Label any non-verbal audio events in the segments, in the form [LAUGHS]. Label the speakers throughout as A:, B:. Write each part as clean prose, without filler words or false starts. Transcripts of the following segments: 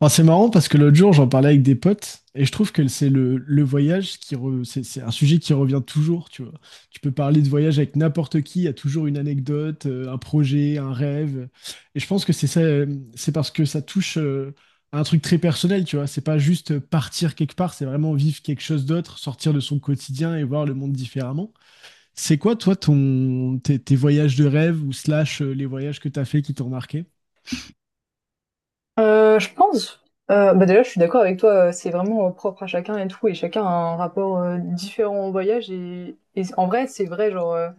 A: Enfin, c'est marrant parce que l'autre jour, j'en parlais avec des potes et je trouve que c'est le voyage c'est un sujet qui revient toujours, tu vois. Tu peux parler de voyage avec n'importe qui, il y a toujours une anecdote, un projet, un rêve. Et je pense que c'est ça, c'est parce que ça touche à un truc très personnel, tu vois. C'est pas juste partir quelque part, c'est vraiment vivre quelque chose d'autre, sortir de son quotidien et voir le monde différemment. C'est quoi, toi, ton, tes voyages de rêve ou slash les voyages que tu as fait qui t'ont marqué?
B: Je pense, bah déjà je suis d'accord avec toi, c'est vraiment propre à chacun et tout, et chacun a un rapport différent au voyage, et en vrai c'est vrai, genre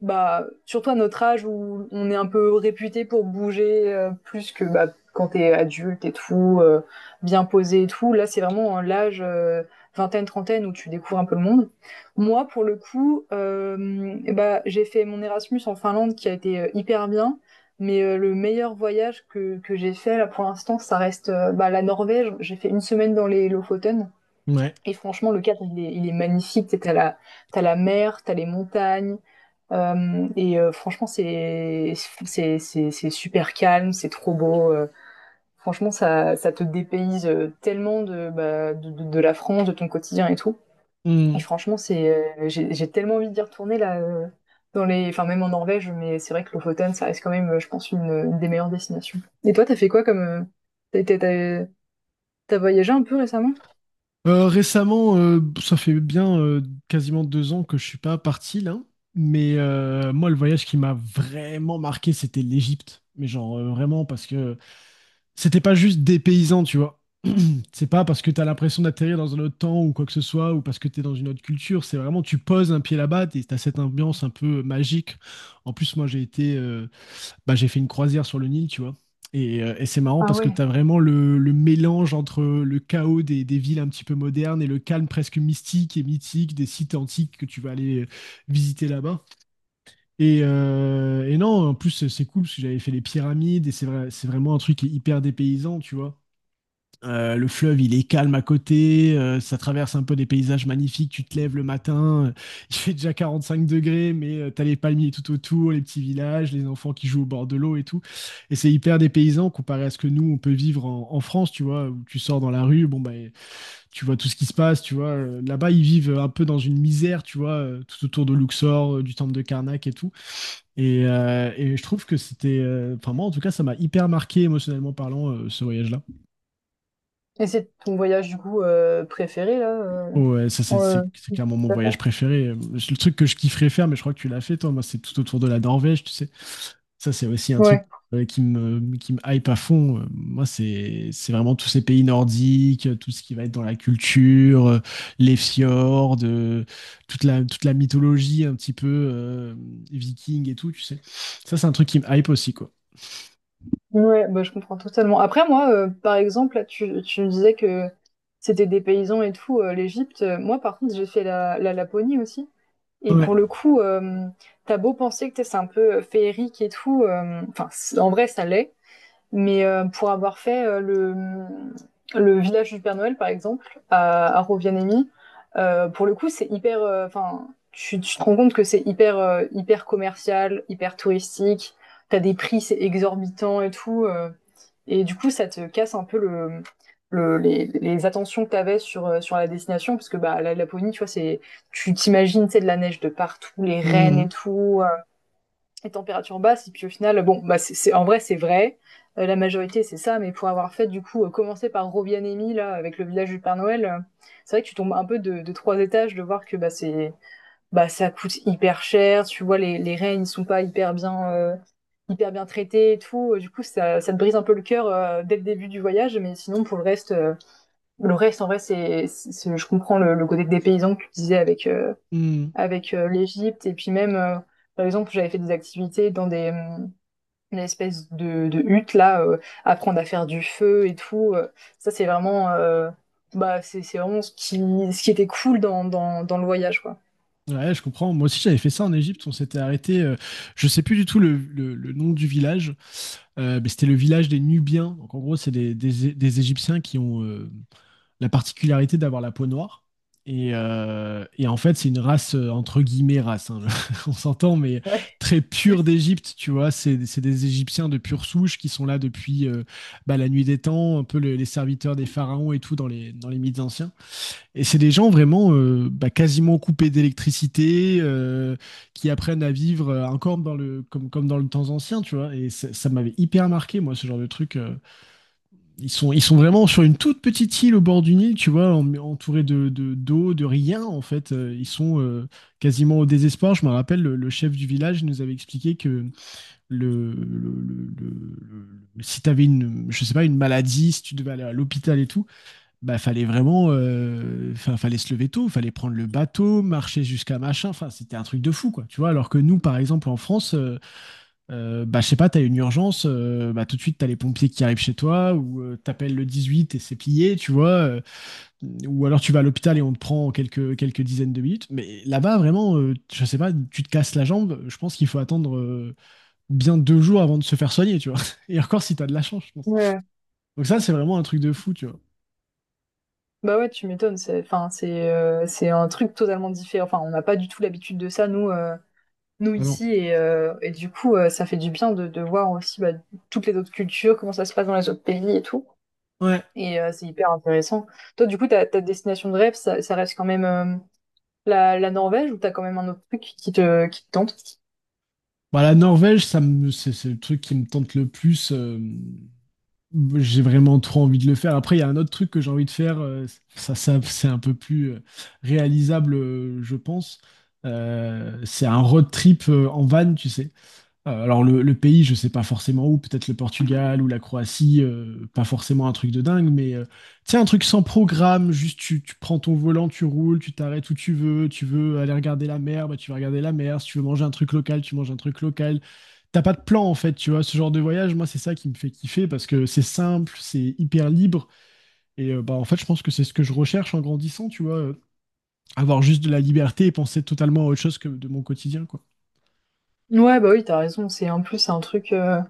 B: bah, surtout à notre âge où on est un peu réputé pour bouger plus que bah, quand t'es adulte et tout, bien posé et tout. Là, c'est vraiment l'âge vingtaine, trentaine où tu découvres un peu le monde. Moi, pour le coup, eh bah, j'ai fait mon Erasmus en Finlande qui a été hyper bien. Mais le meilleur voyage que j'ai fait là pour l'instant, ça reste bah, la Norvège. J'ai fait une semaine dans les Lofoten.
A: Ouais.
B: Et franchement, le cadre, il est magnifique. T'as la mer, t'as les montagnes, et franchement, c'est super calme, c'est trop beau. Franchement, ça te dépayse tellement de, bah, de la France, de ton quotidien et tout. Et franchement, c'est j'ai tellement envie d'y retourner là dans les enfin même en Norvège, mais c'est vrai que Lofoten, ça reste quand même, je pense, une des meilleures destinations. Et toi, t'as fait quoi comme t'as été- t'as t'as voyagé un peu récemment?
A: Récemment, ça fait bien quasiment 2 ans que je suis pas parti là, mais moi le voyage qui m'a vraiment marqué c'était l'Égypte, mais genre vraiment parce que c'était pas juste des paysans, tu vois. C'est pas parce que t'as l'impression d'atterrir dans un autre temps ou quoi que ce soit ou parce que t'es dans une autre culture, c'est vraiment tu poses un pied là-bas et t'as cette ambiance un peu magique. En plus moi j'ai été bah, j'ai fait une croisière sur le Nil, tu vois. Et c'est marrant
B: Ah
A: parce que
B: ouais.
A: tu as vraiment le mélange entre le chaos des villes un petit peu modernes et le calme presque mystique et mythique des sites antiques que tu vas aller visiter là-bas. Et non, en plus, c'est cool parce que j'avais fait les pyramides et c'est vrai, c'est vraiment un truc qui est hyper dépaysant, tu vois. Le fleuve, il est calme à côté, ça traverse un peu des paysages magnifiques, tu te lèves le matin, [LAUGHS] il fait déjà 45 degrés, mais tu as les palmiers tout autour, les petits villages, les enfants qui jouent au bord de l'eau et tout. Et c'est hyper dépaysant comparé à ce que nous, on peut vivre en France, tu vois, où tu sors dans la rue, bon, bah, tu vois tout ce qui se passe, tu vois. Là-bas, ils vivent un peu dans une misère, tu vois, tout autour de Luxor, du temple de Karnak et tout. Et je trouve que c'était, enfin moi en tout cas, ça m'a hyper marqué émotionnellement parlant, ce voyage-là.
B: Et c'est ton voyage du coup préféré là?
A: Ouais, ça c'est
B: En,
A: c'est- c'est clairement mon
B: t'as
A: voyage préféré. Le truc que je kifferais faire, mais je crois que tu l'as fait toi, moi c'est tout autour de la Norvège, tu sais. Ça c'est aussi un truc
B: fait
A: qui me hype à fond. Moi c'est vraiment tous ces pays nordiques, tout ce qui va être dans la culture, les fjords, toute la mythologie un petit peu viking et tout, tu sais. Ça c'est un truc qui me hype aussi, quoi.
B: Ouais, bah, je comprends totalement. Après, moi, par exemple, là, tu me disais que c'était des paysans et tout, l'Égypte. Moi, par contre, j'ai fait la Laponie aussi et
A: Ouais.
B: pour le coup, tu beau penser que t'es c'est un peu, féerique et tout, enfin, c en vrai, ça l'est, mais pour avoir fait le village du Père Noël, par exemple, à Rovianemi, pour le coup, c'est hyper. Enfin, enfin, tu te rends compte que c'est hyper, hyper commercial, hyper touristique. T'as des prix, c'est exorbitant et tout. Et du coup, ça te casse un peu le, les attentions que t'avais sur, sur la destination, parce que bah, la Laponie, tu vois, c'est, tu t'imagines, c'est de la neige de partout, les rennes et
A: Mhm.
B: tout, les températures basses. Et puis au final, bon, bah c'est en vrai, c'est vrai. La majorité, c'est ça. Mais pour avoir fait, du coup, commencer par Robianemi, là, avec le village du Père Noël, c'est vrai que tu tombes un peu de trois étages de voir que bah, c'est, bah, ça coûte hyper cher. Tu vois, les reines, ils sont pas hyper bien, hyper bien traités et tout. Du coup, ça te brise un peu le cœur dès le début du voyage. Mais sinon, pour le reste, en vrai, c'est je comprends le côté des paysans que tu disais avec
A: Mhm.
B: avec l'Égypte. Et puis même, par exemple, j'avais fait des activités dans des, une espèce de hutte, là, apprendre à faire du feu et tout. Ça, c'est vraiment, bah, c'est vraiment ce qui était cool dans, dans, dans le voyage, quoi.
A: Ouais, je comprends. Moi aussi, j'avais fait ça en Égypte. On s'était arrêté, je sais plus du tout le nom du village, mais c'était le village des Nubiens. Donc, en gros, c'est des Égyptiens qui ont la particularité d'avoir la peau noire. Et en fait, c'est une race, entre guillemets, race, hein, [LAUGHS] on s'entend, mais
B: Ouais.
A: très pure d'Égypte, tu vois. C'est des Égyptiens de pure souche qui sont là depuis bah, la nuit des temps, un peu les serviteurs des pharaons et tout dans les mythes anciens. Et c'est des gens vraiment bah, quasiment coupés d'électricité, qui apprennent à vivre encore comme dans le temps ancien, tu vois. Et ça m'avait hyper marqué, moi, ce genre de truc. Ils sont vraiment sur une toute petite île au bord du Nil, tu vois, entourés d'eau, de rien, en fait. Ils sont quasiment au désespoir. Je me rappelle, le chef du village nous avait expliqué que le, le, le, le- si tu avais une, je sais pas, une maladie, si tu devais aller à l'hôpital et tout, bah, fallait vraiment, fin, fallait se lever tôt, fallait prendre le bateau, marcher jusqu'à machin. Enfin, c'était un truc de fou, quoi. Tu vois, alors que nous, par exemple, en France, bah, je sais pas, t'as une urgence, bah, tout de suite, t'as les pompiers qui arrivent chez toi, ou t'appelles le 18 et c'est plié, tu vois. Ou alors tu vas à l'hôpital et on te prend en quelques dizaines de minutes. Mais là-bas, vraiment, je sais pas, tu te casses la jambe, je pense qu'il faut attendre bien 2 jours avant de se faire soigner, tu vois. [LAUGHS] Et encore si t'as de la chance, je pense.
B: Ouais.
A: Donc ça, c'est vraiment un truc de fou, tu vois.
B: Bah ouais, tu m'étonnes. C'est, enfin, c'est un truc totalement différent. Enfin, on n'a pas du tout l'habitude de ça, nous, nous
A: Ah non.
B: ici. Et du coup, ça fait du bien de voir aussi bah, toutes les autres cultures, comment ça se passe dans les autres pays et tout.
A: Ouais.
B: Et c'est hyper intéressant. Toi, du coup, ta destination de rêve, ça reste quand même la Norvège ou t'as quand même un autre truc qui te tente?
A: Bah, la Norvège, c'est le truc qui me tente le plus. J'ai vraiment trop envie de le faire. Après, il y a un autre truc que j'ai envie de faire. Ça, c'est un peu plus réalisable, je pense. C'est un road trip en van, tu sais. Alors, le pays, je sais pas forcément où. Peut-être le Portugal ou la Croatie. Pas forcément un truc de dingue, mais tu sais, un truc sans programme. Juste, tu prends ton volant, tu roules, tu t'arrêtes où tu veux. Tu veux aller regarder la mer, bah, tu vas regarder la mer. Si tu veux manger un truc local, tu manges un truc local. T'as pas de plan en fait, tu vois. Ce genre de voyage, moi, c'est ça qui me fait kiffer parce que c'est simple, c'est hyper libre. Et bah, en fait, je pense que c'est ce que je recherche en grandissant, tu vois. Avoir juste de la liberté et penser totalement à autre chose que de mon quotidien, quoi.
B: Ouais, bah oui, t'as raison. C'est en plus c'est un truc.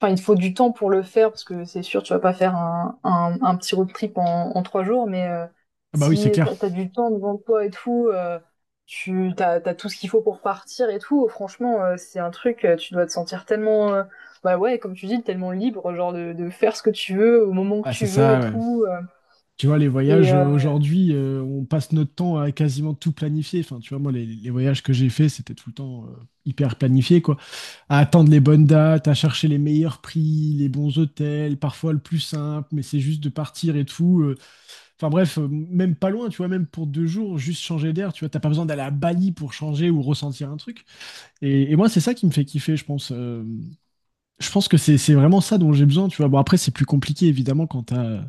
B: Enfin, il te faut du temps pour le faire parce que c'est sûr, tu vas pas faire un petit road trip en trois jours. Mais
A: Ah bah oui,
B: si
A: c'est clair.
B: t'as du temps devant toi et tout, tu t'as tout ce qu'il faut pour partir et tout. Franchement, c'est un truc. Tu dois te sentir tellement, bah ouais, comme tu dis, tellement libre, genre de faire ce que tu veux au moment que
A: Ah, c'est
B: tu veux et
A: ça, ouais.
B: tout.
A: Tu vois, les
B: Et
A: voyages aujourd'hui, on passe notre temps à quasiment tout planifier. Enfin, tu vois, moi, les voyages que j'ai faits, c'était tout le temps hyper planifié, quoi. À attendre les bonnes dates, à chercher les meilleurs prix, les bons hôtels, parfois le plus simple, mais c'est juste de partir et tout. Enfin bref, même pas loin, tu vois, même pour 2 jours, juste changer d'air, tu vois, t'as pas besoin d'aller à Bali pour changer ou ressentir un truc. Et moi, c'est ça qui me fait kiffer, je pense. Je pense que c'est vraiment ça dont j'ai besoin, tu vois. Bon, après, c'est plus compliqué, évidemment, quand t'as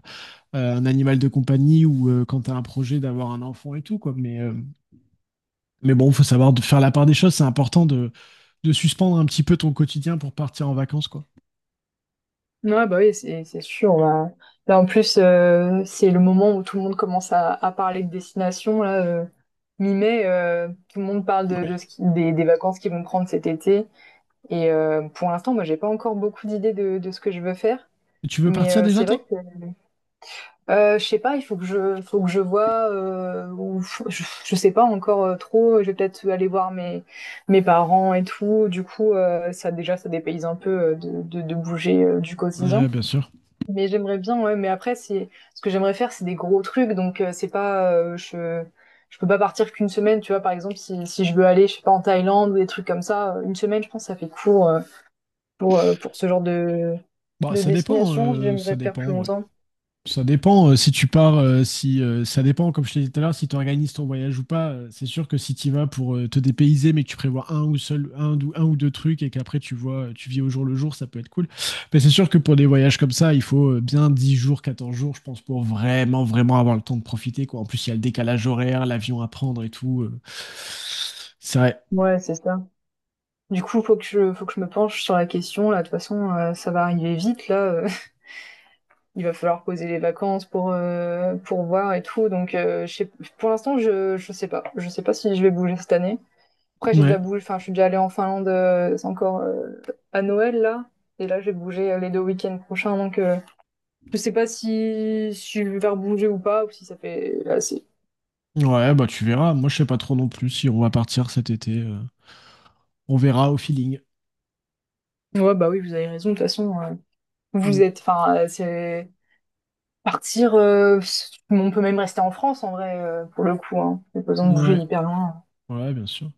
A: un animal de compagnie ou quand t'as un projet d'avoir un enfant et tout, quoi. Mais bon, faut savoir de faire la part des choses, c'est important de suspendre un petit peu ton quotidien pour partir en vacances, quoi.
B: ouais, bah oui, c'est sûr. Là, en plus, c'est le moment où tout le monde commence à parler de destination. Là, mi-mai, tout le monde parle
A: Ouais.
B: de ce qui- des vacances qu'ils vont prendre cet été. Et pour l'instant, moi, j'ai pas encore beaucoup d'idées de ce que je veux faire.
A: Tu veux
B: Mais
A: partir déjà,
B: c'est vrai
A: toi?
B: que je sais pas. Il faut que je vois. Ou faut- je sais pas encore trop. Je vais peut-être aller voir mes mes parents et tout. Du coup, ça déjà, ça dépayse un peu de, de bouger du
A: Ouais,
B: quotidien.
A: bien sûr.
B: Mais j'aimerais bien, ouais, mais après, c'est ce que j'aimerais faire, c'est des gros trucs, donc c'est pas, je peux pas partir qu'une semaine, tu vois, par exemple, si je veux aller, je sais pas, en Thaïlande ou des trucs comme ça, une semaine, je pense, que ça fait court pour ce genre
A: Bah,
B: de
A: ça dépend,
B: destination,
A: euh, ça
B: j'aimerais faire plus
A: dépend, ouais.
B: longtemps.
A: Ça dépend si tu pars, si ça dépend, comme je te disais tout à l'heure, si tu organises ton voyage ou pas. C'est sûr que si tu y vas pour te dépayser, mais que tu prévois un ou seul, un ou deux trucs et qu'après tu vois, tu vis au jour le jour, ça peut être cool. Mais c'est sûr que pour des voyages comme ça, il faut bien 10 jours, 14 jours, je pense, pour vraiment, vraiment avoir le temps de profiter, quoi. En plus, il y a le décalage horaire, l'avion à prendre et tout. C'est vrai.
B: Ouais, c'est ça. Du coup, faut que je me penche sur la question, là, de toute façon, ça va arriver vite, là, [LAUGHS] il va falloir poser les vacances pour voir et tout, donc, pour l'instant, je sais pas si je vais bouger cette année. Après, j'ai déjà
A: Ouais.
B: bougé, enfin, je suis déjà allée en Finlande, c'est encore à Noël là. Et là, je vais bouger les deux week-ends prochains, donc je sais pas si je vais faire bouger ou pas, ou si ça fait assez.
A: Ouais, bah tu verras. Moi, je sais pas trop non plus si on va partir cet été. On verra au feeling.
B: Ouais, bah oui, vous avez raison, de toute façon, vous
A: Mm.
B: êtes, enfin, c'est partir, on peut même rester en France en vrai, pour le coup, hein. Pas besoin de bouger
A: Ouais.
B: hyper loin.
A: Ouais, bien sûr.